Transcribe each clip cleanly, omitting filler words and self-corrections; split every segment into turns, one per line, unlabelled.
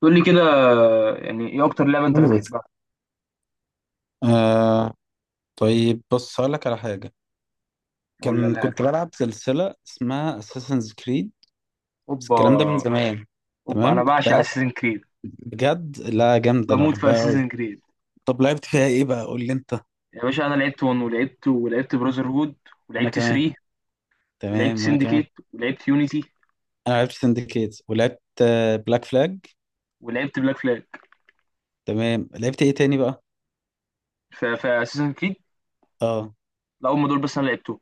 تقول لي كده، يعني ايه اكتر لعبه انت
مم.
بتحبها
آه. طيب بص هقول لك على حاجة.
ولا
كان
لعبه؟
كنت بلعب سلسلة اسمها اساسنز كريد، بس
اوبا
الكلام ده من زمان.
اوبا، انا
تمام، كنت
بعشق
بلعب
اساسن كريد،
بجد. لا جامدة، أنا
بموت في
بحبها أوي.
اساسن كريد.
طب لعبت فيها إيه بقى؟ قول لي أنت.
يا باشا انا لعبت 1 ولعبت براذر هود،
وأنا
ولعبت
كمان.
3، ولعبت
تمام وأنا كمان.
سندكيت، ولعبت يونيتي،
أنا لعبت سندكيت ولعبت بلاك فلاج.
ولعبت بلاك فلاج
تمام. لعبت إيه تاني بقى؟
في اساسن كريد.
أه،
لا، هم دول بس انا لعبتهم.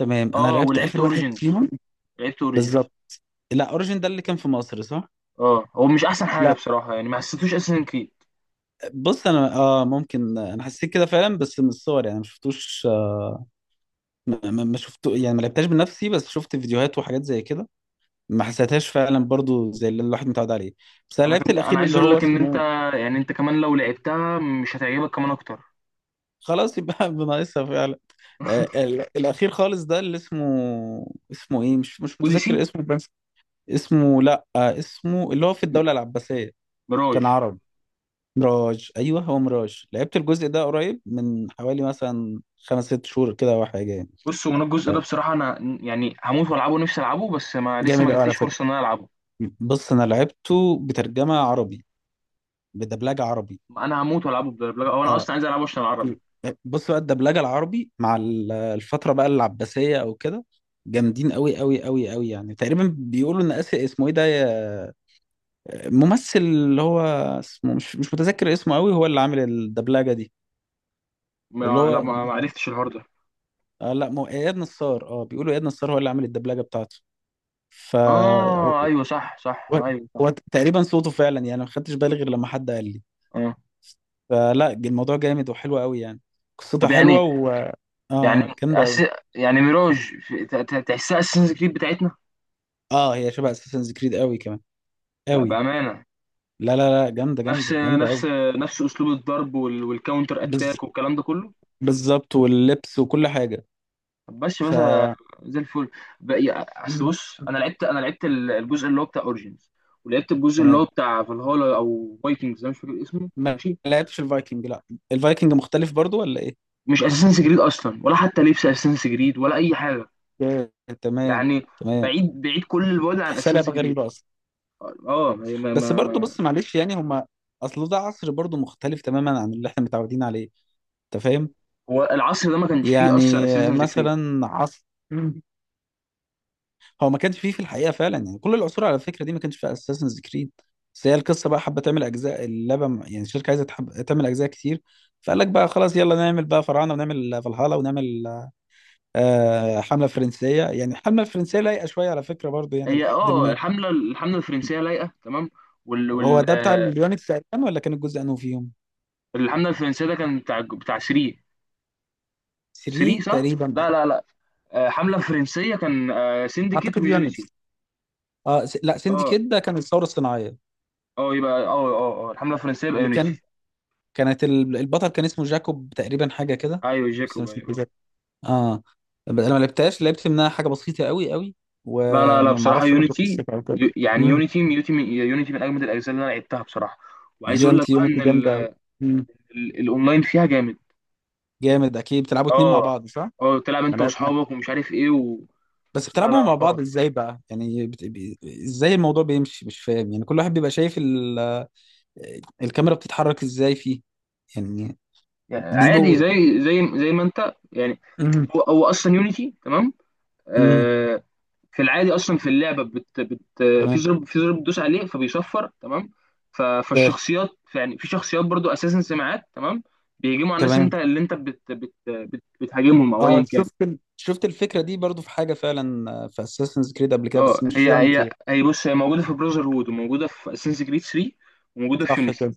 تمام. أنا
اه،
لعبت
ولعبت
آخر واحد
اوريجينز،
فيهم
لعبت اوريجينز.
بالظبط. لا، اوريجين ده اللي كان في مصر، صح؟
اه، هو مش احسن حاجه
لا،
بصراحه، يعني ما حسيتوش اساسن كريد.
بص انا اه ممكن انا حسيت كده فعلا بس من الصور، يعني ما شفتوش. ما شفت، يعني ما لعبتهاش بنفسي، بس شفت فيديوهات وحاجات زي كده. ما حسيتهاش فعلا برضو زي اللي الواحد متعود عليه. بس انا
انا
لعبت
كان انا
الاخير
عايز
اللي
اقول
هو
لك ان انت
اسمه،
يعني انت كمان لو لعبتها مش هتعجبك كمان اكتر.
خلاص يبقى بناقصها فعلا. آه، الاخير خالص ده اللي اسمه، اسمه ايه؟ مش
اوديسي.
متذكر اسمه بس. اسمه، لا آه، اسمه اللي هو في الدولة العباسية،
ميراج.
كان عربي. ميراج، ايوه هو ميراج. لعبت الجزء ده قريب من حوالي مثلا خمس ست شهور كده او حاجه يعني.
بص هو انا الجزء
آه،
ده بصراحه انا يعني هموت والعبه، نفسي العبه بس ما لسه ما
جامد قوي على
جاتليش
فكره.
فرصه ان انا العبه.
بص انا لعبته بترجمه عربي، بدبلجه عربي.
انا هموت والعبه بالدبلجه، او انا
اه
اصلا عايز العبه عشان العربي.
ال- بص بقى الدبلجه العربي مع الفتره بقى العباسيه او كده، جامدين قوي قوي قوي قوي. يعني تقريبا بيقولوا ان اسر اسمه ايه ده ممثل اللي هو اسمه، مش متذكر اسمه قوي، هو اللي عامل الدبلجه دي اللي
ما لا،
هو،
ما ما عرفتش الحوار ده.
آه لا مو اياد نصار. اه بيقولوا اياد نصار هو اللي عامل الدبلجه بتاعته. ف
اه ايوه صح صح
هو،
ايوه صح.
هو تقريبا صوته فعلا، يعني ما خدتش بالي غير لما حد قال لي.
اه
فلا الموضوع جامد وحلو قوي يعني، قصتها
طب
حلوه
يعني،
و
يعني
اه
أس...
جامده.
يعني ميراج، تحسها اساسنز كريد بتاعتنا؟
اه، هي شبه اساسنز كريد قوي كمان، قوي.
بامانه.
لا لا لا جامده
نفس
جامده جامده
نفس
قوي.
نفس اسلوب الضرب والكاونتر
بز...
اتاك والكلام ده كله.
بالظبط، واللبس وكل حاجه.
طب بس
ف
بس زي الفل. بقى- اصل
مم.
بص انا لعبت، الجزء اللي هو بتاع اوريجينز، ولعبت الجزء اللي هو
تمام.
بتاع فالهالا او فايكنجز، انا مش فاكر اسمه.
ما
ماشي،
لعبتش الفايكنج، لا. الفايكنج مختلف برضو ولا ايه؟
مش اساسنس جريد اصلا، ولا حتى لبس اساسنس جريد، ولا اي حاجه.
اوكي، تمام.
يعني
تمام،
بعيد بعيد كل البعد عن
تحسها
اساسنس
لعبه
جريد.
غريبه اصلا.
اه ما ما ما
بس برضو
ما-
بص معلش يعني هما، اصل ده عصر برضو مختلف تماما عن اللي احنا متعودين عليه، انت فاهم؟
هو العصر ده ما كانش فيه
يعني
اصلا اساسنس جريد.
مثلا عصر، هو ما كانش فيه في الحقيقه فعلا يعني. كل العصور على الفكره دي ما كانش في اساسنز كريد، بس هي القصه بقى حابه تعمل اجزاء اللعبه يعني الشركه عايزه تحب تعمل اجزاء كتير. فقال لك بقى خلاص يلا نعمل بقى فراعنه ونعمل فالهالا ونعمل آه حمله فرنسيه. يعني الحمله الفرنسيه لايقه شويه على فكره برضو يعني،
هي
لحد
اه
ما
الحمله الفرنسيه لايقه تمام. وال
هو
وال
ده بتاع
آه،
اليونتس تقريبا ولا كان الجزء انه فيهم؟
الحمله الفرنسيه ده كان بتاع بتاع 3. 3
3
صح؟
تقريبا.
لا لا لا، حملة فرنسية كان، سينديكيت
اعتقد يونتس.
ويونيتي.
اه لا
اه
سندكيت ده كان الثوره الصناعيه.
اه يبقى الحملة الفرنسية يبقى
اللي
يونيتي.
كانت البطل كان اسمه جاكوب تقريبا، حاجه كده،
ايوه
بس أنا
جاكوب
مش
ايوه.
فاكر. اه انا ما لعبتهاش، لعبت منها حاجه بسيطه قوي قوي،
لا لا لا،
وما
بصراحة
اعرفش برضه
يونيتي،
قصتها او كده. امم.
يونيتي من اجمد الاجزاء اللي انا لعبتها بصراحة. وعايز اقول لك
يونتي
بقى ان
جامده قوي. امم،
الاونلاين فيها جامد.
جامد. اكيد بتلعبوا اتنين مع
اه
بعض صح؟
اه، تلعب
ما
انت
لعب- ما-
واصحابك ومش عارف ايه
بس
لا
بتلعبوا
لا
مع بعض
اه،
ازاي بقى؟ يعني ازاي الموضوع بيمشي؟ مش فاهم يعني. كل واحد بيبقى شايف الكاميرا بتتحرك ازاي فيه يعني؟
يعني عادي،
بيبو.
زي زي ما انت يعني.
امم.
هو هو اصلا يونيتي تمام،
امم.
آه، في العادي، اصلا في اللعبه في
تمام.
زر، في زر بتدوس عليه فبيصفر تمام.
آه،
فالشخصيات، يعني في شخصيات برضو اساسا سمعات تمام، بيهجموا على الناس،
تمام.
انت اللي انت بتهاجمهم او
اه
ايا كان.
شفت شفت الفكره دي برضو في حاجه فعلا، آه، في اساسنز كريد قبل كده
اه
بس مش
هي هي
يونتي.
هي بص، هي موجوده في براذر هود، وموجوده في اساسنز كريد 3، وموجوده في
صح
يونيتي.
كده.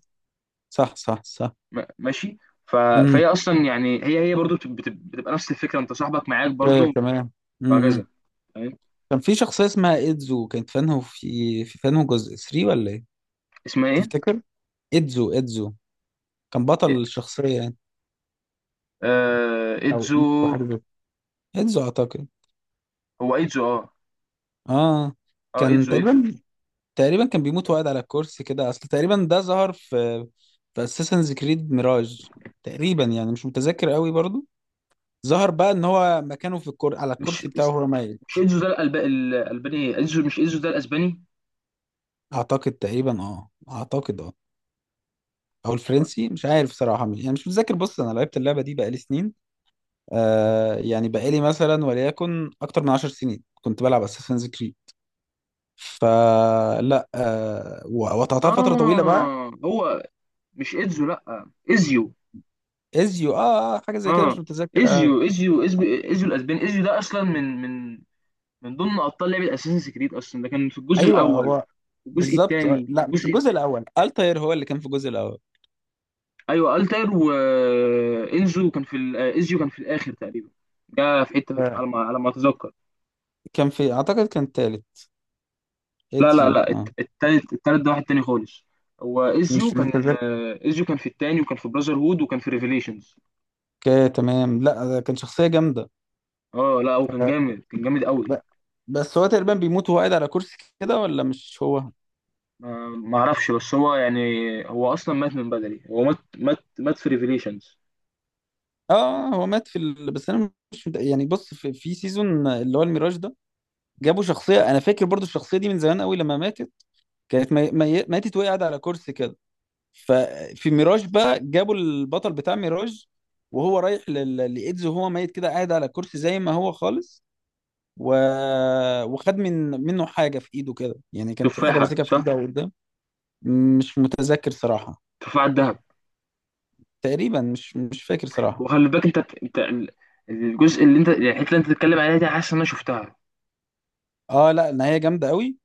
صح صح صح.
ماشي. ف...
امم.
فهي اصلا يعني هي برضو بتبقى نفس الفكره، انت صاحبك معاك
ايه
برضو
تمام. امم.
وهكذا. تمام.
كان في شخصية اسمها إيدزو، كانت فانه في فانه جزء 3 ولا ايه
اسمها ايه؟
تفتكر؟ إيدزو، إيدزو كان
إيه؟
بطل الشخصية يعني. او
ايدزو.
إيدزو حاجة زي كده. إيدزو اعتقد.
هو ايدزو اه.
اه،
اه
كان
ايدزو.
تقريبا، تقريبا كان بيموت وقاعد على الكرسي كده، اصل تقريبا ده ظهر في، في اساسنز كريد ميراج. تقريبا يعني مش متذكر قوي برضو. ظهر بقى ان هو مكانه في على
مش
الكرسي بتاعه هو مايل.
مش انزو ده الالباني؟ ايه انزو، مش انزو ده الاسباني.
اعتقد تقريبا اه، اعتقد اه. او الفرنسي مش عارف صراحه، مش يعني مش متذكر. بص انا لعبت اللعبه دي بقالي سنين. آه يعني بقالي مثلا وليكن اكتر من 10 سنين كنت بلعب اساسنز كريد. فلا آه وقطعتها فتره طويله بقى.
اه هو مش انزو، لا ازيو.
ازيو، اه آه، حاجه زي كده
اه
مش متذكر آه.
ازيو الاسباني. ازيو ده اصلا من من ضمن ابطال لعبه اساسن كريد، اصلا ده كان في الجزء
ايوه،
الاول،
هو
في الجزء
بالظبط. آه،
الثاني، في
لا مش
الجزء.
الجزء الاول، التاير هو اللي كان في الجزء الاول.
ايوه التر وانزو كان ازيو كان في الاخر تقريبا، ده في حته
آه.
على ما على ما اتذكر.
كان في اعتقد كان التالت،
لا لا
ازيو
لا،
اه.
التالت، التالت ده واحد تاني خالص. هو ازيو
مش
كان،
متذكر.
ازيو كان في التاني، وكان في براذر هود، وكان في ريفيليشنز.
تمام. لا ده كان شخصيه جامده.
اه لا هو كان
آه.
جامد، كان جامد قوي.
ب- بس هو تقريبا بيموت وهو قاعد على كرسي كده، ولا مش هو؟
ما اعرفش، بس هو يعني هو اصلا مات من بدري، هو مات مات في ريفيليشنز.
اه، هو مات في بس انا مش يعني بص في سيزون اللي هو الميراج ده، جابوا شخصيه انا فاكر برضو الشخصيه دي من زمان قوي لما ماتت. كانت ماتت وهي قاعده على كرسي كده. ففي ميراج بقى جابوا البطل بتاع ميراج، وهو رايح لايدز وهو ميت كده قاعد على كرسي زي ما هو خالص. و... وخد من منه حاجه في ايده كده، يعني كان في حاجه
تفاحه
ماسكها في
صح،
ايده او قدام. مش متذكر صراحه.
تفاحه الذهب.
تقريبا مش فاكر صراحه.
وخلي بالك انت، الجزء اللي انت يعني الحته اللي انت بتتكلم عليها دي، حاسس ان انا شفتها.
اه لا، النهايه جامده قوي.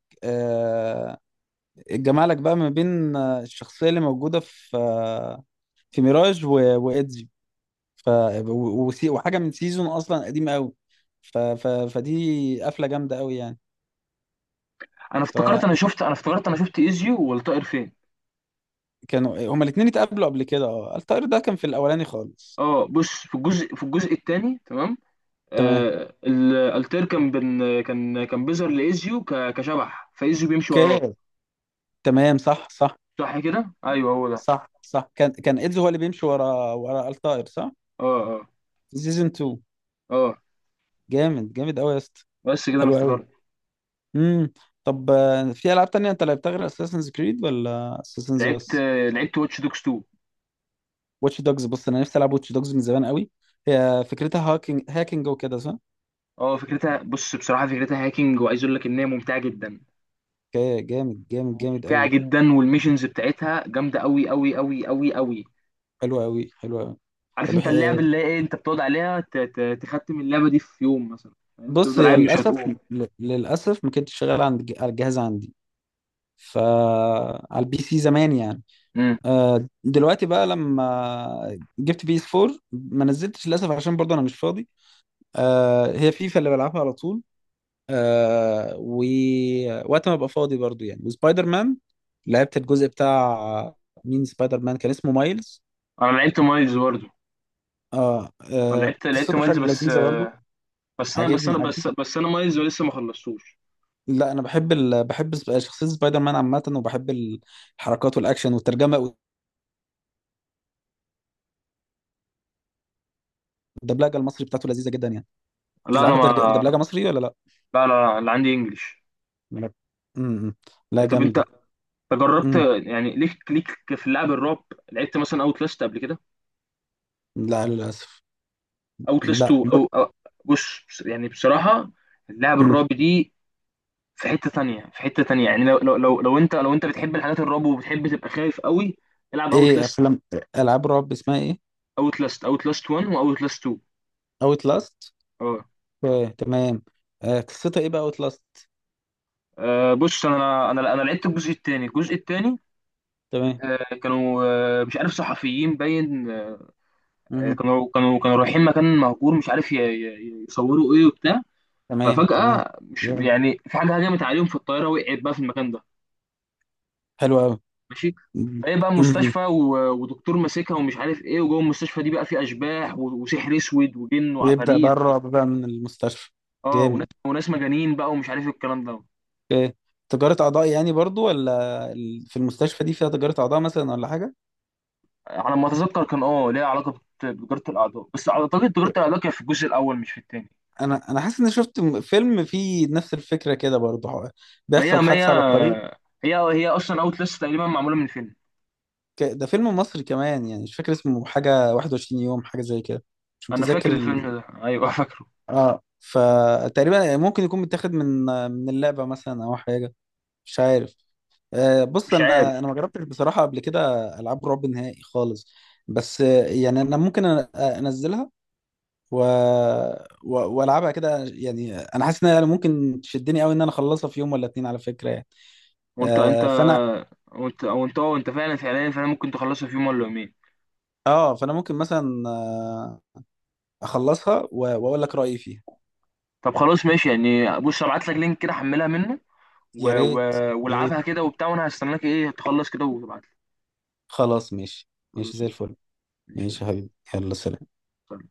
جمالك بقى ما بين آه، الشخصيه اللي موجوده في آه، في ميراج وايدزي، ف وحاجه من سيزون اصلا قديمه قوي. فدي قفله جامده قوي يعني. فكانوا،
انا افتكرت انا شفت ازيو والطائر فين.
هما الاثنين اتقابلوا قبل كده. اه الطائر ده كان في الاولاني خالص.
اه بص، في الجزء، في الجزء الثاني تمام،
تمام،
الالتير كان بن كان كان بيظهر لايزيو كشبح، فايزيو بيمشي وراه.
اوكي، تمام. صح صح
صح كده، ايوه هو ده.
صح. صح، كان كان ايدزي هو اللي بيمشي ورا الطائر، صح.
اه اه
في سيزون 2.
اه
جامد جامد قوي يا اسطى.
بس كده انا
حلو قوي.
افتكرت.
امم. طب آه، في العاب تانية انت لعبتها غير اساسنز كريد ولا اساسنز
لعبت
بس؟
لعبت واتش دوكس 2.
واتش دوجز، بص انا نفسي العب واتش دوجز من زمان قوي. هي فكرتها هاكينج، هاكينج وكده صح؟
اه فكرتها، بص بصراحه فكرتها هاكينج، وعايز اقول لك ان هي ممتعه جدا،
اوكي، جامد جامد جامد
ممتعه
قوي.
جدا، والميشنز بتاعتها جامده قوي قوي.
حلو قوي، حلو قوي.
عارف
طب
انت اللعبه اللي هي ايه؟ انت بتقعد عليها تختم اللعبه دي في يوم مثلا، فاهم؟
بص
تفضل
هي
قاعد مش
للاسف
هتقوم.
للاسف ما كانتش شغاله عند على الجهاز عندي، فا على البي سي زمان يعني.
امم،
آه، دلوقتي بقى لما جبت بي اس 4 ما نزلتش للاسف عشان برضه انا مش فاضي. آه، هي فيفا اللي بلعبها على طول. آه، ووقت ما ابقى فاضي برضو يعني، وسبايدر مان. لعبت الجزء بتاع مين سبايدر مان، كان اسمه مايلز.
انا لعبت مايلز برضه.
اه,
انا
آه
لعبت لعبت
قصته
مايلز
حلوه
بس،
لذيذه برضو.
بس انا بس
عاجبني
انا
عاجبني.
بس بس انا مايز ولسه ما خلصتوش.
لا انا بحب بحب شخصيه سبايدر مان عامه، وبحب الحركات والاكشن والترجمه، والدبلجه المصري بتاعته لذيذه جدا يعني.
لا انا
بتلعبها
ما
بدرج- بدبلجه مصري ولا لا؟
لا لا لا، اللي عندي انجليش.
لا. امم. لا
طب انت،
جامده.
أنت جربت،
امم.
يعني ليك في اللعب الرعب؟ لعبت مثلا اوت لاست قبل كده،
لا للاسف.
اوت لاست
لا.
2 بص، يعني بصراحه اللعب
امم.
الرعب دي في حته تانية، في حته تانية، يعني لو انت بتحب الحاجات الرعب وبتحب تبقى خايف قوي، العب اوت
ايه
لاست.
افلام، العاب رعب اسمها ايه؟
اوت لاست 1 واوت لاست 2.
اوت لاست.
اه
اوكي تمام. آه، قصتها ايه بقى اوتلاست؟
بص انا انا لعبت الجزء الثاني، الجزء الثاني،
تمام.
آه، كانوا آه، مش عارف، صحفيين باين،
مهم.
كانوا كانوا رايحين مكان مهجور، مش عارف يصوروا ايه وبتاع.
تمام. تمام.
ففجأة مش
جامد.
يعني، في حاجة هجمت عليهم، في الطيارة وقعت بقى في المكان ده.
حلو قوي.
ماشي، فايه بقى مستشفى ودكتور ماسكها ومش عارف ايه، وجوه المستشفى دي بقى في اشباح وسحر اسود وجن
ويبدأ بقى
وعفاريت.
الرعب بقى من المستشفى.
اه وناس،
جامد.
وناس مجانين بقى ومش عارف الكلام ده.
اوكي. تجارة أعضاء يعني برضو، ولا في المستشفى دي فيها تجارة أعضاء مثلا ولا حاجة؟
على ما اتذكر كان اه ليها علاقة بتجارة الاعضاء، بس اعتقد تجارة
يب.
الاعضاء كانت في الجزء الاول مش في التاني.
أنا حاسس إني شفت فيلم فيه نفس الفكرة كده برضو، هو
ما هي
بيحصل
ما هي
حادثة على الطريق.
هي اصلا اوت لسه تقريبا معمولة من فيلم.
ده فيلم مصري كمان، يعني مش فاكر اسمه، حاجة 21 يوم حاجة زي كده. مش
انا
متذكر.
فاكر الفيلم ده ايوه. فاكره.
اه، فتقريبا ممكن يكون متاخد من، من اللعبه مثلا او حاجه، مش عارف. آه بص
مش عارف.
انا، انا ما جربتش بصراحه قبل كده العاب رعب نهائي خالص. بس آه، يعني انا ممكن انزلها و... و... والعبها كده. يعني انا حاسس انها ممكن تشدني قوي ان انا اخلصها في يوم ولا اتنين على فكره يعني.
وانت
آه
انت
فانا،
وانت وانت فعلا فعلا ممكن تخلصها في يوم ولا يومين.
اه فانا ممكن مثلا آه، اخلصها و... واقول لك رايي فيها.
طب خلاص ماشي، يعني بص، ابعت لك لينك كده حملها منه
يا
و... و...
ريت. يا ريت.
والعبها كده وبتاع، وانا هستناك ايه تخلص كده وتبعت لي.
خلاص ماشي. ماشي
خلاص
زي
ماشي.
الفل.
ماشي
ماشي يا حبيبي، يلا سلام.
يلا.